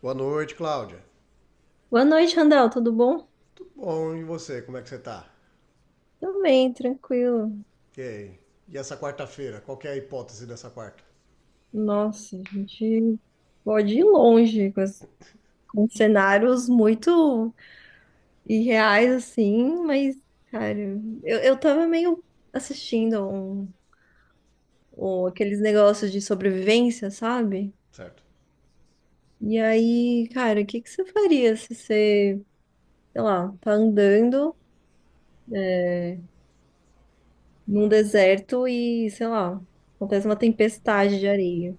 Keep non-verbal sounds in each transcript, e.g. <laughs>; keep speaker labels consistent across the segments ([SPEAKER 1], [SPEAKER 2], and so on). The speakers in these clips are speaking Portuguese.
[SPEAKER 1] Boa noite, Cláudia.
[SPEAKER 2] Boa noite, Randall, tudo bom?
[SPEAKER 1] Bom, e você, como é que você tá?
[SPEAKER 2] Também, tranquilo.
[SPEAKER 1] Ok. E essa quarta-feira, qual que é a hipótese dessa quarta?
[SPEAKER 2] Nossa, a gente pode ir longe com, com cenários muito irreais, assim, mas, cara, eu tava meio assistindo aqueles negócios de sobrevivência, sabe?
[SPEAKER 1] Certo.
[SPEAKER 2] E aí, cara, o que que você faria se você, sei lá, tá andando num deserto e, sei lá, acontece uma tempestade de areia?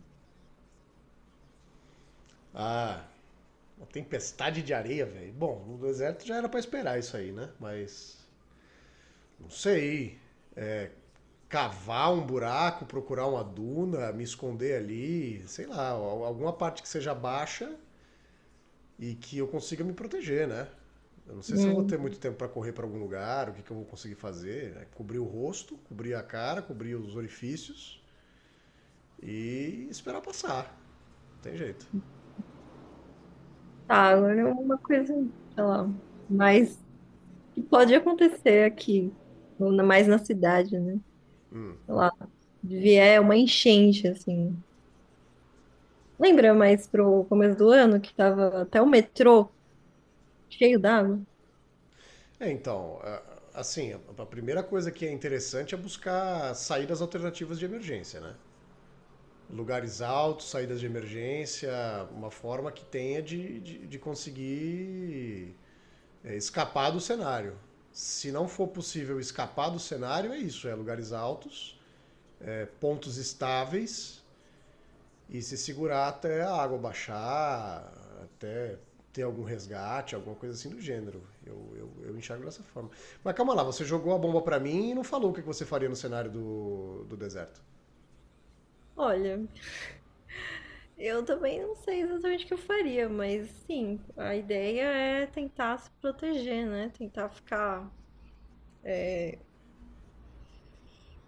[SPEAKER 1] Ah, uma tempestade de areia, velho. Bom, no deserto já era pra esperar isso aí, né? Mas não sei. Cavar um buraco, procurar uma duna, me esconder ali, sei lá, alguma parte que seja baixa e que eu consiga me proteger, né? Eu não sei se eu vou
[SPEAKER 2] Hum.
[SPEAKER 1] ter muito tempo pra correr pra algum lugar, o que eu vou conseguir fazer, né? Cobrir o rosto, cobrir a cara, cobrir os orifícios e esperar passar. Não tem jeito.
[SPEAKER 2] Tá, agora é uma coisa, sei lá, mais que pode acontecer aqui, ou mais na cidade, né? Sei lá, vier uma enchente, assim. Lembra mais pro começo do ano que tava até o metrô cheio d'água?
[SPEAKER 1] Então, assim, a primeira coisa que é interessante é buscar saídas alternativas de emergência, né? Lugares altos, saídas de emergência, uma forma que tenha de conseguir, escapar do cenário. Se não for possível escapar do cenário, é isso: é lugares altos, é pontos estáveis e se segurar até a água baixar, até ter algum resgate, alguma coisa assim do gênero. Eu enxergo dessa forma. Mas calma lá, você jogou a bomba pra mim e não falou o que você faria no cenário do deserto.
[SPEAKER 2] Olha, eu também não sei exatamente o que eu faria, mas sim, a ideia é tentar se proteger, né? Tentar ficar.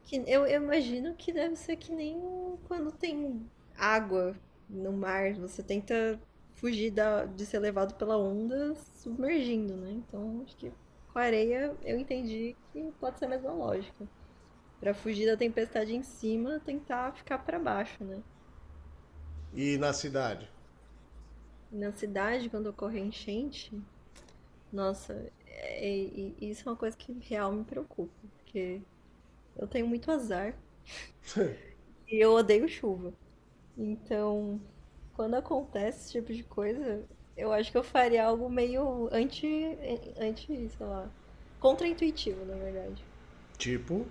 [SPEAKER 2] Que eu imagino que deve ser que nem quando tem água no mar, você tenta fugir de ser levado pela onda submergindo, né? Então, acho que com a areia eu entendi que pode ser a mesma lógica. Pra fugir da tempestade em cima, tentar ficar pra baixo, né?
[SPEAKER 1] E na cidade?
[SPEAKER 2] E na cidade, quando ocorre a enchente, nossa, e isso é uma coisa que real me preocupa, porque eu tenho muito azar e eu odeio chuva. Então, quando acontece esse tipo de coisa, eu acho que eu faria algo meio anti, sei lá, contraintuitivo, na verdade.
[SPEAKER 1] Tipo,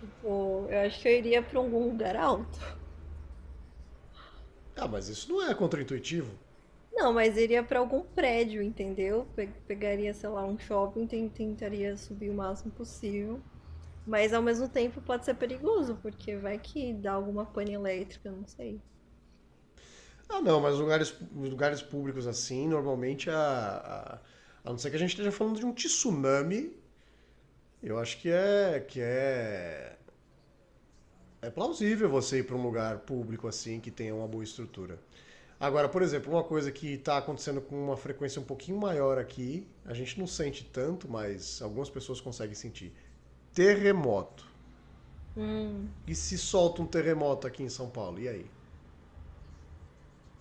[SPEAKER 2] Tipo, eu acho que eu iria pra algum lugar alto.
[SPEAKER 1] ah, mas isso não é contraintuitivo.
[SPEAKER 2] Não, mas iria pra algum prédio, entendeu? Pegaria, sei lá, um shopping, tentaria subir o máximo possível. Mas ao mesmo tempo pode ser perigoso, porque vai que dá alguma pane elétrica, não sei.
[SPEAKER 1] Ah, não, mas lugares, lugares públicos assim, normalmente, a não ser que a gente esteja falando de um tsunami, eu acho que é, é plausível você ir para um lugar público assim que tenha uma boa estrutura. Agora, por exemplo, uma coisa que está acontecendo com uma frequência um pouquinho maior aqui, a gente não sente tanto, mas algumas pessoas conseguem sentir. Terremoto.
[SPEAKER 2] Hum.
[SPEAKER 1] E se solta um terremoto aqui em São Paulo? E aí?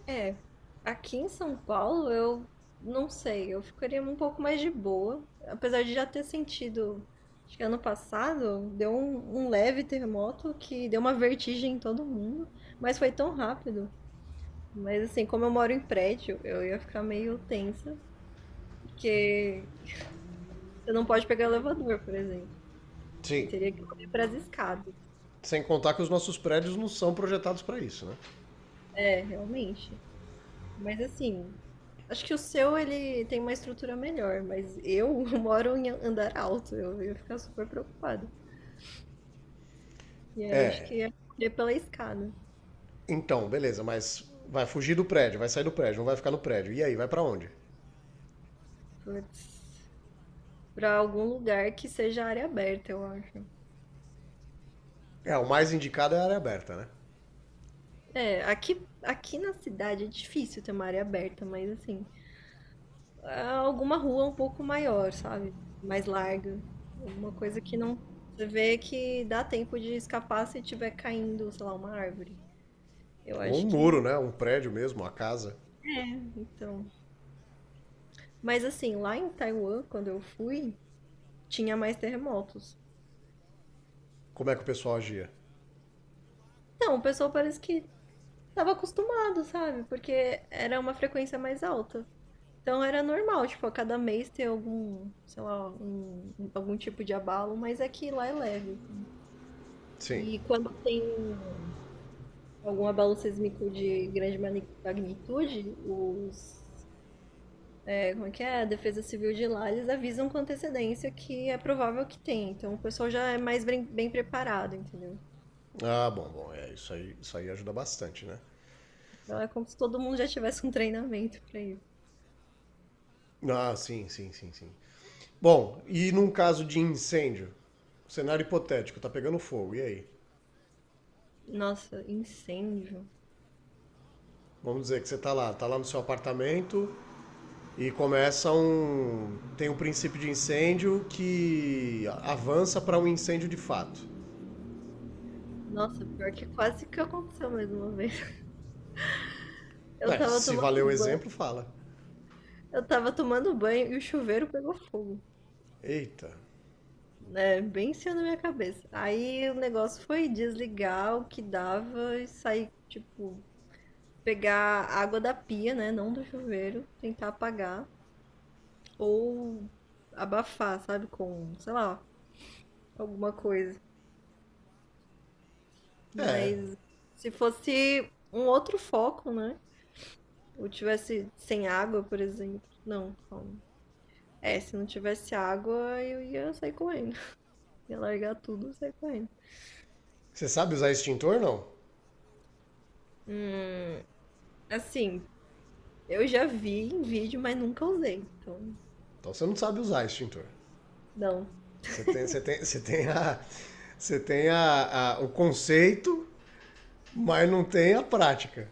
[SPEAKER 2] É, aqui em São Paulo eu não sei, eu ficaria um pouco mais de boa, apesar de já ter sentido, acho que ano passado deu um leve terremoto que deu uma vertigem em todo mundo, mas foi tão rápido. Mas assim, como eu moro em prédio, eu ia ficar meio tensa, porque você não pode pegar elevador, por exemplo. Eu
[SPEAKER 1] Sim,
[SPEAKER 2] teria que correr para as escadas.
[SPEAKER 1] sem contar que os nossos prédios não são projetados para isso, né?
[SPEAKER 2] É, realmente. Mas assim, acho que o seu ele tem uma estrutura melhor, mas eu <laughs> moro em andar alto, eu ia ficar super preocupada. E aí acho
[SPEAKER 1] É.
[SPEAKER 2] que ia correr pela escada.
[SPEAKER 1] Então, beleza, mas vai fugir do prédio, vai sair do prédio, não vai ficar no prédio. E aí, vai para onde?
[SPEAKER 2] Putz, pra algum lugar que seja área aberta, eu acho.
[SPEAKER 1] É, o mais indicado é a área aberta, né?
[SPEAKER 2] É, aqui na cidade é difícil ter uma área aberta, mas assim, ah, alguma rua um pouco maior, sabe? Mais larga. Alguma coisa que não. Você vê que dá tempo de escapar se tiver caindo, sei lá, uma árvore. Eu
[SPEAKER 1] Ou um
[SPEAKER 2] acho
[SPEAKER 1] muro,
[SPEAKER 2] que.
[SPEAKER 1] né? Um prédio mesmo, uma casa.
[SPEAKER 2] Né, então. Mas assim, lá em Taiwan, quando eu fui, tinha mais terremotos.
[SPEAKER 1] Como é que o pessoal agia?
[SPEAKER 2] Então, o pessoal parece que tava acostumado, sabe? Porque era uma frequência mais alta. Então era normal, tipo, a cada mês ter algum, sei lá, algum tipo de abalo, mas é que lá é leve, assim.
[SPEAKER 1] Sim.
[SPEAKER 2] E quando tem algum abalo sísmico de grande magnitude, os, é, como é que é? A Defesa Civil de lá, eles avisam com antecedência que é provável que tenha. Então o pessoal já é mais bem preparado, entendeu?
[SPEAKER 1] Ah, bom, bom, é, isso aí ajuda bastante, né?
[SPEAKER 2] Não é como se todo mundo já tivesse um treinamento pra isso.
[SPEAKER 1] Ah, sim, sim, sim, sim. Bom, e num caso de incêndio? Cenário hipotético, tá pegando fogo, e aí?
[SPEAKER 2] Nossa, incêndio.
[SPEAKER 1] Vamos dizer que você tá lá no seu apartamento e começa um. Tem um princípio de incêndio que avança para um incêndio de fato.
[SPEAKER 2] Nossa, pior que quase que aconteceu mais uma vez. Eu
[SPEAKER 1] Ué,
[SPEAKER 2] tava
[SPEAKER 1] se
[SPEAKER 2] tomando
[SPEAKER 1] valer o
[SPEAKER 2] banho,
[SPEAKER 1] exemplo, fala.
[SPEAKER 2] eu tava tomando banho e o chuveiro pegou fogo.
[SPEAKER 1] Eita.
[SPEAKER 2] Né? Bem em cima da minha cabeça. Aí o negócio foi desligar o que dava e sair, tipo, pegar a água da pia, né? Não do chuveiro, tentar apagar. Ou abafar, sabe? Com, sei lá, alguma coisa.
[SPEAKER 1] É.
[SPEAKER 2] Mas se fosse um outro foco, né? Ou tivesse sem água, por exemplo. Não, calma. É, se não tivesse água, eu ia sair correndo. <laughs> Ia largar tudo e sair correndo.
[SPEAKER 1] Você sabe usar extintor, não?
[SPEAKER 2] Hum, assim, eu já vi em vídeo, mas nunca usei. Então,
[SPEAKER 1] Então você não sabe usar extintor.
[SPEAKER 2] não.
[SPEAKER 1] Você tem, você tem, você tem a. Você tem a, o conceito, mas não tem a prática.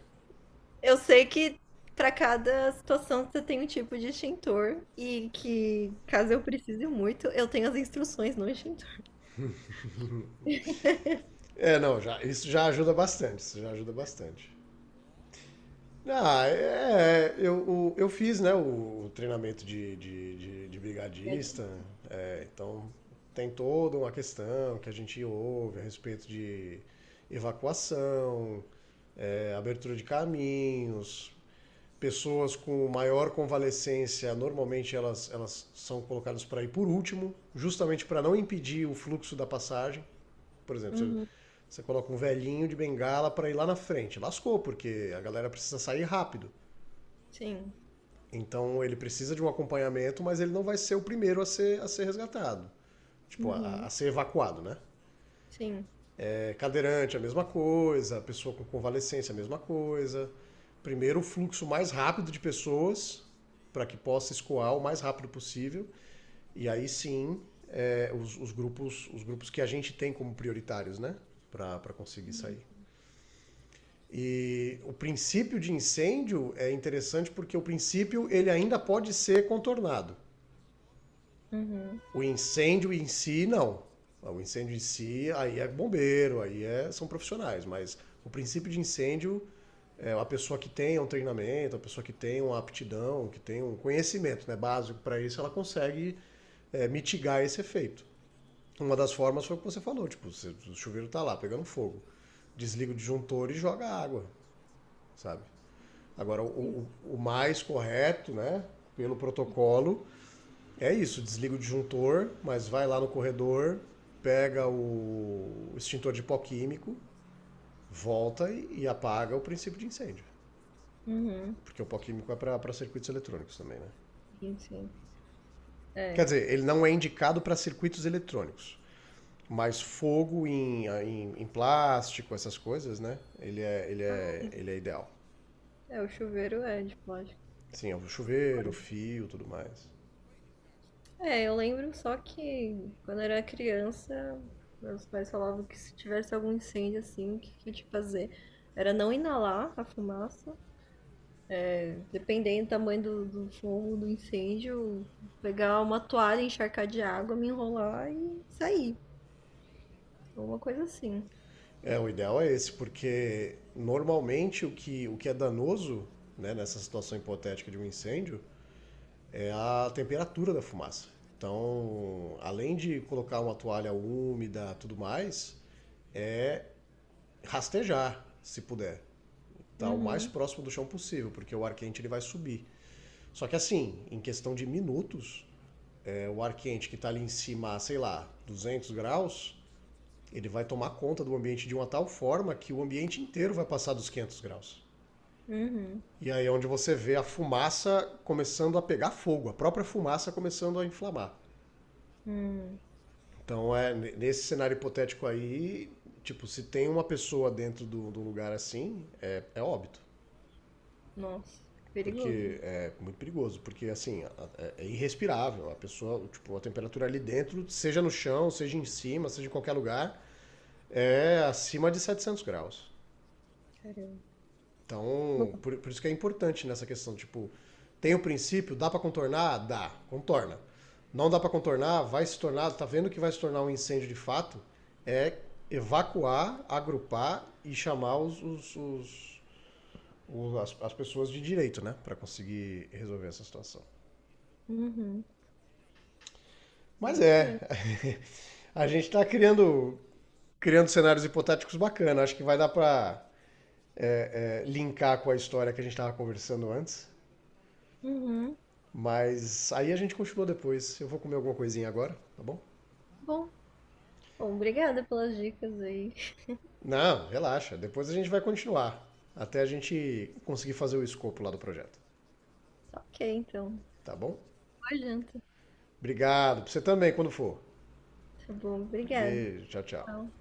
[SPEAKER 2] Eu sei que para cada situação você tem um tipo de extintor e que, caso eu precise muito, eu tenho as instruções no extintor.
[SPEAKER 1] É, não, já, Isso já ajuda bastante, isso já ajuda bastante. Eu fiz, né, o treinamento de brigadista, então tem toda uma questão que a gente ouve a respeito de evacuação, abertura de caminhos, pessoas com maior convalescência, normalmente elas são colocadas para ir por último, justamente para não impedir o fluxo da passagem. Por exemplo,
[SPEAKER 2] Uhum,
[SPEAKER 1] você coloca um velhinho de bengala para ir lá na frente. Lascou, porque a galera precisa sair rápido.
[SPEAKER 2] sim.
[SPEAKER 1] Então ele precisa de um acompanhamento, mas ele não vai ser o primeiro a ser resgatado. Tipo,
[SPEAKER 2] Uhum,
[SPEAKER 1] a ser evacuado, né?
[SPEAKER 2] sim.
[SPEAKER 1] É, cadeirante, a mesma coisa. Pessoa com convalescência, a mesma coisa. Primeiro, o fluxo mais rápido de pessoas para que possa escoar o mais rápido possível. E aí sim, os grupos que a gente tem como prioritários, né? Para conseguir sair. E o princípio de incêndio é interessante porque o princípio ele ainda pode ser contornado.
[SPEAKER 2] Uhum,
[SPEAKER 1] O incêndio em si não. O incêndio em si aí é bombeiro, aí é, são profissionais, mas o princípio de incêndio é a pessoa que tem um treinamento, a pessoa que tem uma aptidão, que tem um conhecimento, né, básico para isso, ela consegue, mitigar esse efeito. Uma das formas foi o que você falou, tipo, o chuveiro está lá pegando fogo, desliga o disjuntor e joga água, sabe? Agora,
[SPEAKER 2] sim.
[SPEAKER 1] o mais correto, né, pelo protocolo, é isso: desliga o disjuntor, mas vai lá no corredor, pega o extintor de pó químico, volta e apaga o princípio de incêndio.
[SPEAKER 2] Uhum,
[SPEAKER 1] Porque o pó químico é para circuitos eletrônicos também, né?
[SPEAKER 2] sim, sim.
[SPEAKER 1] Quer
[SPEAKER 2] É.
[SPEAKER 1] dizer, ele não é indicado para circuitos eletrônicos, mas fogo em plástico, essas coisas, né? Ele é ideal.
[SPEAKER 2] É, o chuveiro é de plástico.
[SPEAKER 1] Sim, é o chuveiro, o fio, tudo mais.
[SPEAKER 2] É, eu lembro só que quando era criança, meus pais falavam que se tivesse algum incêndio assim, o que que tinha que fazer? Era não inalar a fumaça, é, dependendo do tamanho do, do fogo, do incêndio, pegar uma toalha, encharcar de água, me enrolar e sair. Alguma coisa assim.
[SPEAKER 1] É, o ideal é esse, porque normalmente o que é danoso, né, nessa situação hipotética de um incêndio é a temperatura da fumaça. Então, além de colocar uma toalha úmida, tudo mais, rastejar, se puder, tá o mais
[SPEAKER 2] Uhum,
[SPEAKER 1] próximo do chão possível, porque o ar quente ele vai subir. Só que assim, em questão de minutos, o ar quente que está ali em cima, sei lá, 200 graus, ele vai tomar conta do ambiente de uma tal forma que o ambiente inteiro vai passar dos 500 graus.
[SPEAKER 2] uhum,
[SPEAKER 1] E aí é onde você vê a fumaça começando a pegar fogo, a própria fumaça começando a inflamar.
[SPEAKER 2] uhum.
[SPEAKER 1] Então, é nesse cenário hipotético aí, tipo, se tem uma pessoa dentro do lugar assim, é, é óbito.
[SPEAKER 2] Nossa, perigoso, né?
[SPEAKER 1] Porque é muito perigoso, porque assim, é, é irrespirável. A pessoa, tipo, a temperatura ali dentro, seja no chão, seja em cima, seja em qualquer lugar, é acima de 700 graus.
[SPEAKER 2] Caramba. Bom.
[SPEAKER 1] Então, por isso que é importante nessa questão, tipo, tem o princípio, dá para contornar? Dá, contorna. Não dá para contornar, vai se tornar, tá vendo que vai se tornar um incêndio de fato? É evacuar, agrupar e chamar as pessoas de direito, né? Para conseguir resolver essa situação.
[SPEAKER 2] Uhum,
[SPEAKER 1] Mas é,
[SPEAKER 2] bacana.
[SPEAKER 1] <laughs> a gente tá criando, criando cenários hipotéticos bacanas. Acho que vai dar para linkar com a história que a gente estava conversando antes.
[SPEAKER 2] Uhum.
[SPEAKER 1] Mas aí a gente continua depois. Eu vou comer alguma coisinha agora, tá bom?
[SPEAKER 2] Bom. Bom, obrigada pelas dicas aí.
[SPEAKER 1] Não, relaxa. Depois a gente vai continuar. Até a gente conseguir fazer o escopo lá do projeto,
[SPEAKER 2] Tá ok, então.
[SPEAKER 1] tá bom?
[SPEAKER 2] Boa janta.
[SPEAKER 1] Obrigado. Pra você também, quando for.
[SPEAKER 2] Tá bom, obrigada.
[SPEAKER 1] Beijo, tchau, tchau.
[SPEAKER 2] Tchau.